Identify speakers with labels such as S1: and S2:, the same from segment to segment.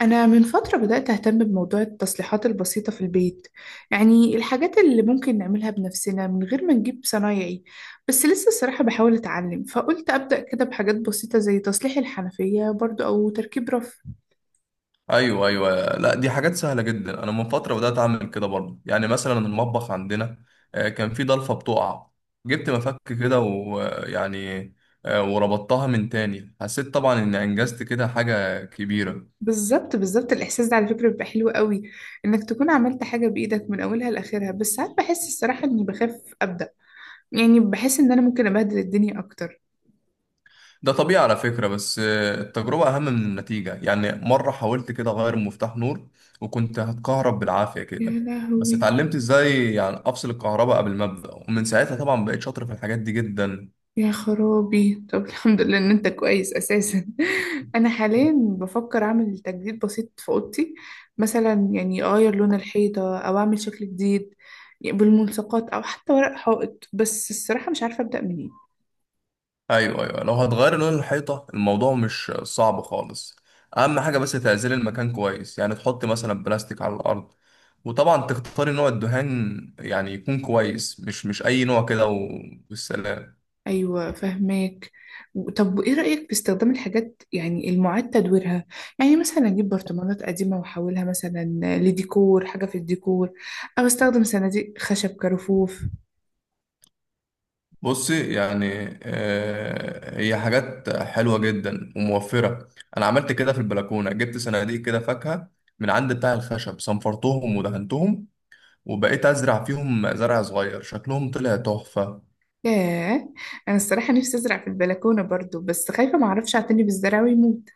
S1: أنا من فترة بدأت أهتم بموضوع التصليحات البسيطة في البيت. يعني الحاجات اللي ممكن نعملها بنفسنا من غير ما نجيب صنايعي. بس لسه الصراحة بحاول أتعلم، فقلت أبدأ كده بحاجات بسيطة زي تصليح الحنفية برضو أو تركيب رف.
S2: ايوه، ايوه، لا، دي حاجات سهله جدا. انا من فتره بدات اعمل كده برضه، يعني مثلا المطبخ عندنا كان في ضلفه بتقع. جبت مفك كده ويعني وربطتها من تاني، حسيت طبعا اني انجزت كده حاجه كبيره.
S1: بالظبط بالظبط، الإحساس ده على فكرة بيبقى حلو قوي، إنك تكون عملت حاجة بإيدك من أولها لآخرها. بس ساعات بحس الصراحة إني بخاف أبدأ، يعني بحس إن أنا ممكن أبهدل الدنيا أكتر.
S2: ده طبيعي على فكره، بس التجربه اهم من النتيجه. يعني مره حاولت كده اغير مفتاح نور وكنت هتكهرب بالعافيه
S1: يا
S2: كده، بس
S1: لهوي!
S2: اتعلمت ازاي يعني افصل الكهرباء قبل ما ابدا، ومن ساعتها طبعا بقيت شاطر في الحاجات دي جدا.
S1: يا خرابي، طب الحمد لله ان انت كويس اساسا. انا حاليا بفكر اعمل تجديد بسيط في اوضتي. مثلا يعني اغير لون الحيطه او اعمل شكل جديد، يعني بالملصقات او حتى ورق حائط. بس الصراحه مش عارفه ابدا منين.
S2: ايوه، ايوه، لو هتغير لون الحيطه الموضوع مش صعب خالص. اهم حاجه بس تعزل المكان كويس، يعني تحط مثلا بلاستيك على الارض، وطبعا تختاري نوع الدهان يعني يكون كويس مش اي نوع كده والسلام.
S1: ايوه، فهماك. طب وايه رايك في استخدام الحاجات يعني المعاد تدويرها؟ يعني مثلا اجيب برطمانات قديمه واحولها مثلا لديكور، حاجه في الديكور، او استخدم صناديق خشب كرفوف.
S2: بصي، يعني هي حاجات حلوه جدا وموفره. انا عملت كده في البلكونه، جبت صناديق كده فاكهه من عند بتاع الخشب، صنفرتهم ودهنتهم وبقيت ازرع فيهم زرع صغير، شكلهم طلع تحفه.
S1: ياه! انا الصراحه نفسي ازرع في البلكونه برضو، بس خايفه ما اعرفش اعتني بالزرع ويموت.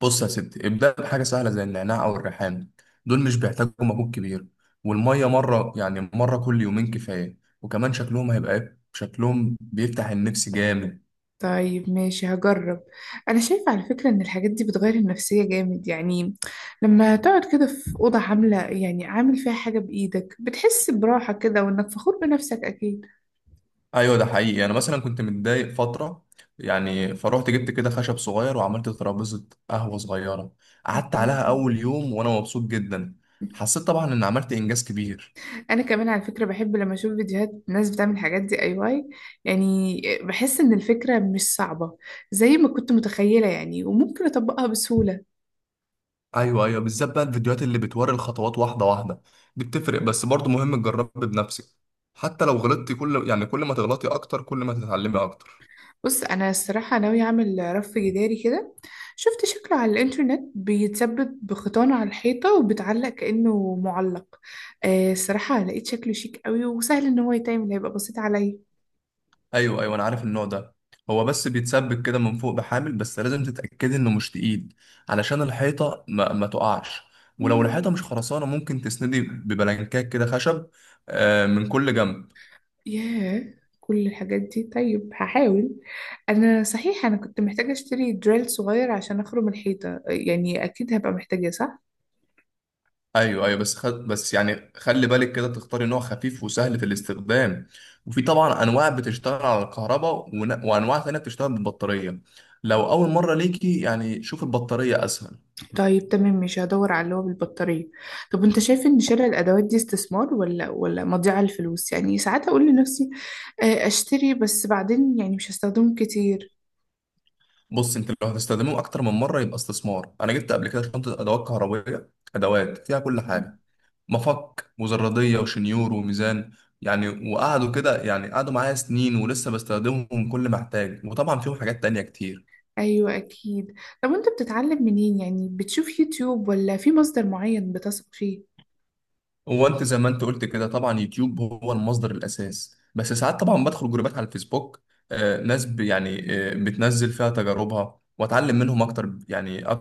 S2: بص يا ستي، ابدأ بحاجة سهلة زي النعناع أو الريحان. دول مش بيحتاجوا مجهود كبير، والمية مرة، يعني مرة كل يومين كفاية. وكمان شكلهم هيبقى إيه؟ شكلهم بيفتح النفس جامد.
S1: طيب ماشي، هجرب. انا شايفه على فكره ان الحاجات دي بتغير النفسيه جامد. يعني لما تقعد كده في اوضه عامله، يعني عامل فيها حاجه بايدك، بتحس براحه كده وانك فخور بنفسك اكيد.
S2: أيوة، ده حقيقي. أنا مثلا كنت متضايق فترة، يعني فروحت جبت كده خشب صغير وعملت ترابيزة قهوة صغيرة. قعدت عليها
S1: مم.
S2: أول يوم وأنا مبسوط جدا. حسيت طبعا إن عملت إنجاز كبير.
S1: انا كمان على فكره بحب لما اشوف فيديوهات ناس بتعمل الحاجات دي اي واي. يعني بحس ان الفكره مش صعبه زي ما كنت متخيله يعني، وممكن اطبقها بسهوله.
S2: ايوه، ايوه، بالذات بقى الفيديوهات اللي بتوري الخطوات واحده واحده، دي بتفرق. بس برضه مهم تجربي بنفسك، حتى لو غلطتي. يعني كل ما تغلطي اكتر كل ما تتعلمي اكتر.
S1: بص، انا الصراحه ناوي اعمل رف جداري كده. شفت شكله على الانترنت، بيتثبت بخيطان على الحيطه وبتعلق كانه معلق. آه، الصراحه لقيت شكله شيك قوي، وسهل ان هو يتعمل، هيبقى بسيط عليا.
S2: ايوه، ايوه، انا عارف النوع ده. هو بس بيتسبك كده من فوق بحامل، بس لازم تتاكدي انه مش تقيل علشان الحيطه ما تقعش. ولو
S1: مم.
S2: الحيطه مش خرسانه ممكن تسندي ببلانكات كده خشب، من كل جنب.
S1: ياه، كل الحاجات دي! طيب هحاول. انا صحيح انا كنت محتاجه اشتري دريل صغير عشان اخرم الحيطه، يعني اكيد هبقى محتاجه، صح؟
S2: ايوه، ايوه، بس يعني خلي بالك كده تختاري نوع خفيف وسهل في الاستخدام. وفي طبعا انواع بتشتغل على الكهرباء، وانواع تانية بتشتغل بالبطاريه. لو اول مره ليكي، يعني شوف البطاريه اسهل.
S1: طيب تمام، مش هدور على اللي هو بالبطارية. طب انت شايف ان شراء الادوات دي استثمار ولا مضيعة للفلوس؟ يعني ساعات اقول لنفسي اشتري، بس بعدين يعني مش هستخدمه كتير.
S2: بص انت، لو هتستخدمه اكتر من مره يبقى استثمار. انا جبت قبل كده شنطه ادوات كهربائيه، ادوات فيها كل
S1: مم.
S2: حاجه: مفك، مزرديه، وشنيور، وميزان، يعني. وقعدوا كده، يعني قعدوا معايا سنين ولسه بستخدمهم كل ما احتاج، وطبعا فيهم حاجات تانية كتير.
S1: ايوه اكيد. طب انت بتتعلم منين؟ يعني بتشوف يوتيوب ولا في مصدر معين بتثق فيه؟
S2: هو انت زي ما انت قلت كده، طبعا يوتيوب هو المصدر الاساس، بس ساعات طبعا بدخل جروبات على الفيسبوك، ناس يعني بتنزل فيها تجاربها واتعلم منهم اكتر، يعني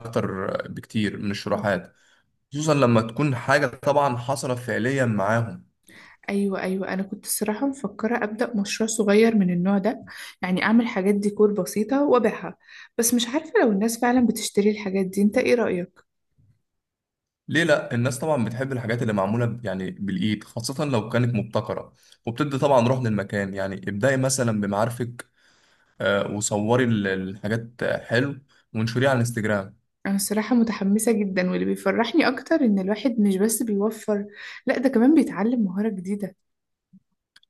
S2: اكتر بكتير من
S1: آه.
S2: الشروحات، خصوصا لما تكون حاجه طبعا حصلت فعليا معاهم.
S1: ايوه ايوه، انا كنت الصراحه مفكره ابدا مشروع صغير من النوع ده، يعني اعمل حاجات ديكور بسيطه وابيعها. بس مش عارفه لو الناس فعلا بتشتري الحاجات دي، انت ايه رايك؟
S2: ليه لا؟ الناس طبعا بتحب الحاجات اللي معموله يعني بالايد، خاصه لو كانت مبتكره وبتدي طبعا روح للمكان. يعني ابدأي مثلا بمعارفك، وصوري الحاجات حلو وانشريها على الانستجرام.
S1: أنا الصراحة متحمسة جدا، واللي بيفرحني أكتر إن الواحد مش بس بيوفر، لأ ده كمان بيتعلم مهارة جديدة.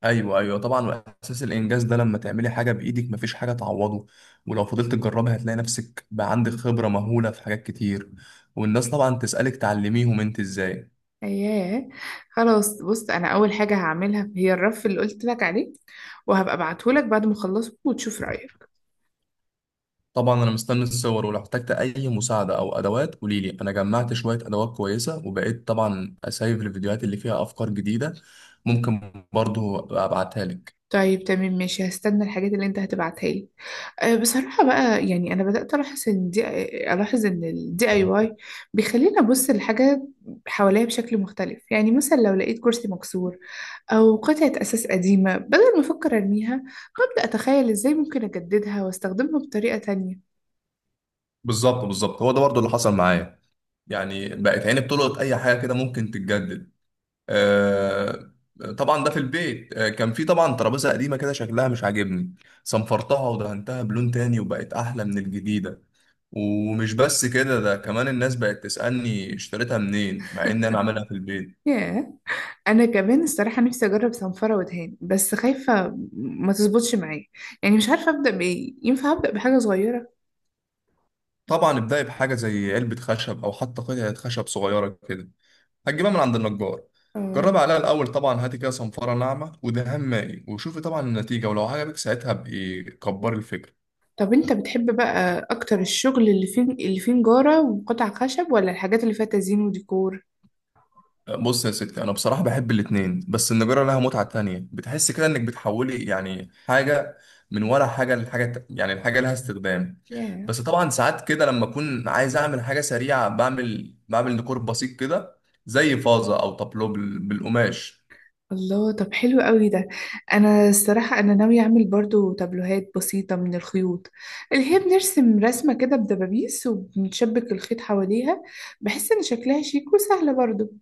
S2: ايوه، ايوه، طبعا. واساس الانجاز ده لما تعملي حاجه بايدك مفيش حاجه تعوضه. ولو فضلت تجربي هتلاقي نفسك بقى عندك خبره مهوله في حاجات كتير، والناس طبعا تسالك تعلميهم انت ازاي.
S1: أياه! خلاص، بص، أنا أول حاجة هعملها هي الرف اللي قلت لك عليه، وهبقى أبعتهولك بعد ما أخلصه وتشوف رأيك.
S2: طبعا انا مستني الصور، ولو احتجت اي مساعده او ادوات قوليلي. انا جمعت شويه ادوات كويسه، وبقيت طبعا اسايف الفيديوهات اللي فيها افكار جديده، ممكن برضو أبقى ابعتها لك.
S1: طيب تمام ماشي، هستنى الحاجات اللي انت هتبعتها لي. أه، بصراحة بقى، يعني انا بدأت الاحظ ان دي، الاحظ ان الدي اي واي بيخليني ابص للحاجة حواليا بشكل مختلف. يعني مثلا لو لقيت كرسي مكسور او قطعة اساس قديمة، بدل ما افكر ارميها، ببدأ اتخيل ازاي ممكن اجددها واستخدمها بطريقة تانية.
S2: بالظبط، بالظبط، هو ده برضو اللي حصل معايا. يعني بقت عيني بتلقط اي حاجه كده ممكن تتجدد. آه، طبعا ده في البيت، كان في طبعا ترابيزه قديمه كده شكلها مش عاجبني، صنفرتها ودهنتها بلون تاني وبقت احلى من الجديده. ومش بس كده، ده كمان الناس بقت تسالني اشتريتها منين، مع ان انا عاملها في البيت.
S1: ياه! انا كمان الصراحة نفسي اجرب صنفرة ودهان، بس خايفة ما تظبطش معايا. يعني مش عارفة ابدأ بايه، ينفع ابدأ بحاجة صغيرة؟
S2: طبعا ابدأي بحاجه زي علبه خشب او حتى قطعه خشب صغيره كده، هتجيبها من عند النجار.
S1: اه.
S2: جربي عليها الاول، طبعا هاتي كده صنفره ناعمه ودهان مائي وشوفي طبعا النتيجه، ولو عجبك ساعتها ابقي كبري الفكره.
S1: طب انت بتحب بقى اكتر الشغل اللي فيه، اللي فيه نجارة وقطع خشب، ولا الحاجات اللي فيها تزيين وديكور؟
S2: بص يا ستي، انا بصراحه بحب الاتنين، بس النجاره لها متعه تانية، بتحس كده انك بتحولي يعني حاجه من ولا حاجه لحاجه، يعني الحاجه لها استخدام.
S1: ياه،
S2: بس طبعا ساعات كده لما اكون عايز اعمل حاجه سريعه بعمل ديكور بسيط كده، زي فازه او طابلو بالقماش.
S1: الله! طب حلو قوي ده. انا الصراحة انا ناوية اعمل برضو تابلوهات بسيطة من الخيوط، اللي هي بنرسم رسمة كده بدبابيس وبنشبك الخيط حواليها. بحس ان شكلها شيك وسهلة برضو.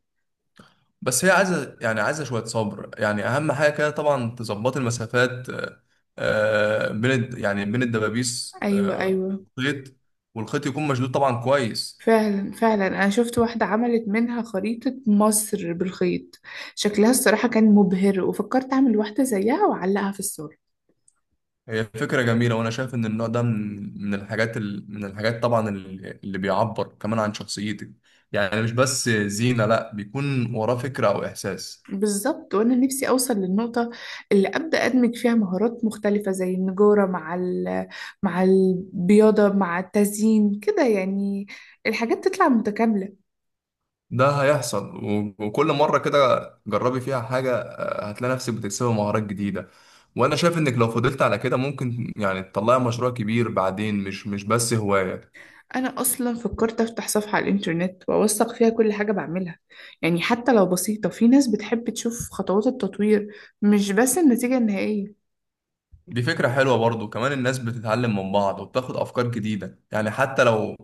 S2: بس هي عايزه، يعني عايزه شويه صبر. يعني اهم حاجه كده طبعا تظبط المسافات بين يعني بين الدبابيس
S1: ايوه ايوه.
S2: خيط، والخيط يكون مشدود طبعا كويس.
S1: فعلا فعلا، انا شفت واحدة عملت منها خريطة مصر بالخيط. شكلها الصراحة كان مبهر، وفكرت اعمل واحدة زيها واعلقها في الصور.
S2: هي فكرة جميلة، وأنا شايف إن النوع ده من الحاجات، من الحاجات طبعا اللي بيعبر كمان عن شخصيتك. يعني مش بس زينة، لأ، بيكون وراه فكرة أو إحساس.
S1: بالظبط، وانا نفسي اوصل للنقطه اللي ابدا ادمج فيها مهارات مختلفه، زي النجاره مع ال... مع البياضه مع التزيين، كده يعني الحاجات تطلع متكامله.
S2: ده هيحصل، وكل مرة كده جربي فيها حاجة هتلاقي نفسك بتكسبي مهارات جديدة. وأنا شايف إنك لو فضلت على كده ممكن يعني تطلعي مشروع كبير بعدين، مش بس هواية.
S1: انا اصلا فكرت افتح صفحه على الانترنت واوثق فيها كل حاجه بعملها. يعني حتى لو بسيطه، في ناس بتحب تشوف خطوات التطوير، مش بس النتيجه النهائيه.
S2: دي فكرة حلوة برضو، كمان الناس بتتعلم من بعض وبتاخد أفكار جديدة. يعني حتى لو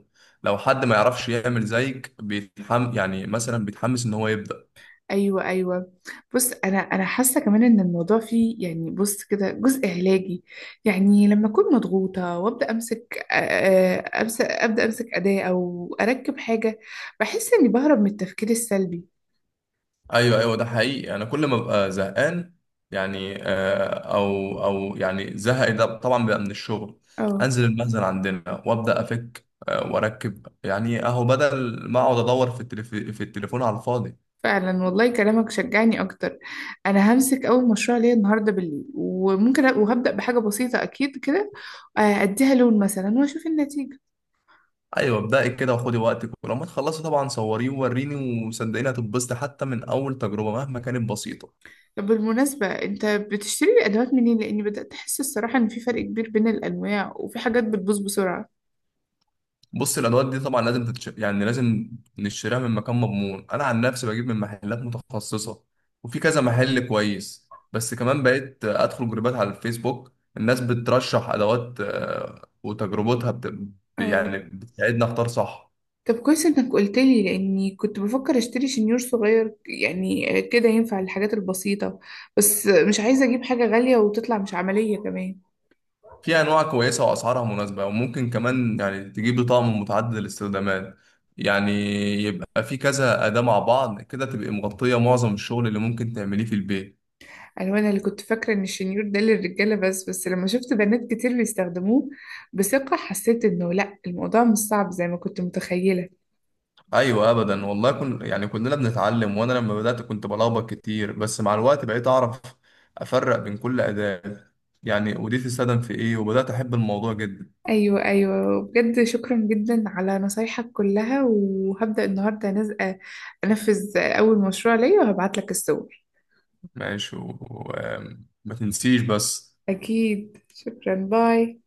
S2: لو حد ما يعرفش يعمل زيك يعني مثلا بيتحمس إن هو يبدأ.
S1: ايوه ايوه. بص انا، انا حاسه كمان ان الموضوع فيه، يعني بص كده، جزء علاجي. يعني لما اكون مضغوطه وابدا امسك امسك ابدا امسك اداه او اركب حاجه، بحس اني بهرب من التفكير السلبي.
S2: أيوه، أيوه، ده حقيقي. أنا كل ما ببقى زهقان، يعني أو يعني زهق، ده طبعا بيبقى من الشغل،
S1: اه،
S2: أنزل المخزن عندنا وأبدأ أفك وأركب، يعني أهو بدل ما أقعد أدور في في التليفون على الفاضي.
S1: فعلا والله، كلامك شجعني اكتر. انا همسك اول مشروع ليا النهارده بالليل، وهبدا بحاجه بسيطه اكيد كده، اديها لون مثلا واشوف النتيجه.
S2: ايوه، ابدأي كده وخدي وقتك، ولما تخلصي طبعا صوريه ووريني، وصدقيني هتتبسطي حتى من اول تجربه مهما كانت بسيطه.
S1: طب بالمناسبة، انت بتشتري الأدوات منين؟ لأني بدأت أحس الصراحة إن في فرق كبير بين الأنواع، وفي حاجات بتبوظ بسرعة.
S2: بص، الادوات دي طبعا لازم يعني لازم نشتريها من مكان مضمون. انا عن نفسي بجيب من محلات متخصصه، وفي كذا محل كويس، بس كمان بقيت ادخل جروبات على الفيسبوك، الناس بترشح ادوات وتجربتها
S1: اه.
S2: يعني بتساعدنا اختار صح.
S1: طب كويس إنك قلت لي، لأني كنت بفكر أشتري شنيور صغير يعني كده ينفع للحاجات البسيطة، بس مش عايزة أجيب حاجة غالية وتطلع مش عملية كمان.
S2: في انواع كويسه واسعارها مناسبه، وممكن كمان يعني تجيب طقم متعدد الاستخدامات، يعني يبقى في كذا اداه مع بعض كده تبقى مغطيه معظم الشغل اللي ممكن تعمليه في البيت.
S1: أنا اللي كنت فاكرة إن الشنيور ده للرجالة بس، لما شفت بنات كتير بيستخدموه بثقة، حسيت إنه لأ، الموضوع مش صعب زي ما كنت متخيلة.
S2: ايوه، ابدا والله، يعني كلنا بنتعلم. وانا لما بدات كنت بلخبط كتير، بس مع الوقت بقيت اعرف افرق بين كل اداه، يعني ودي تستخدم في ايه، وبدات احب الموضوع جدا.
S1: ايوه ايوه، بجد شكرا جدا على نصايحك كلها، وهبدأ النهارده انفذ اول مشروع ليا وهبعت لك الصور.
S2: ماشي، وما تنسيش بس
S1: اكيد، شكرا، باي.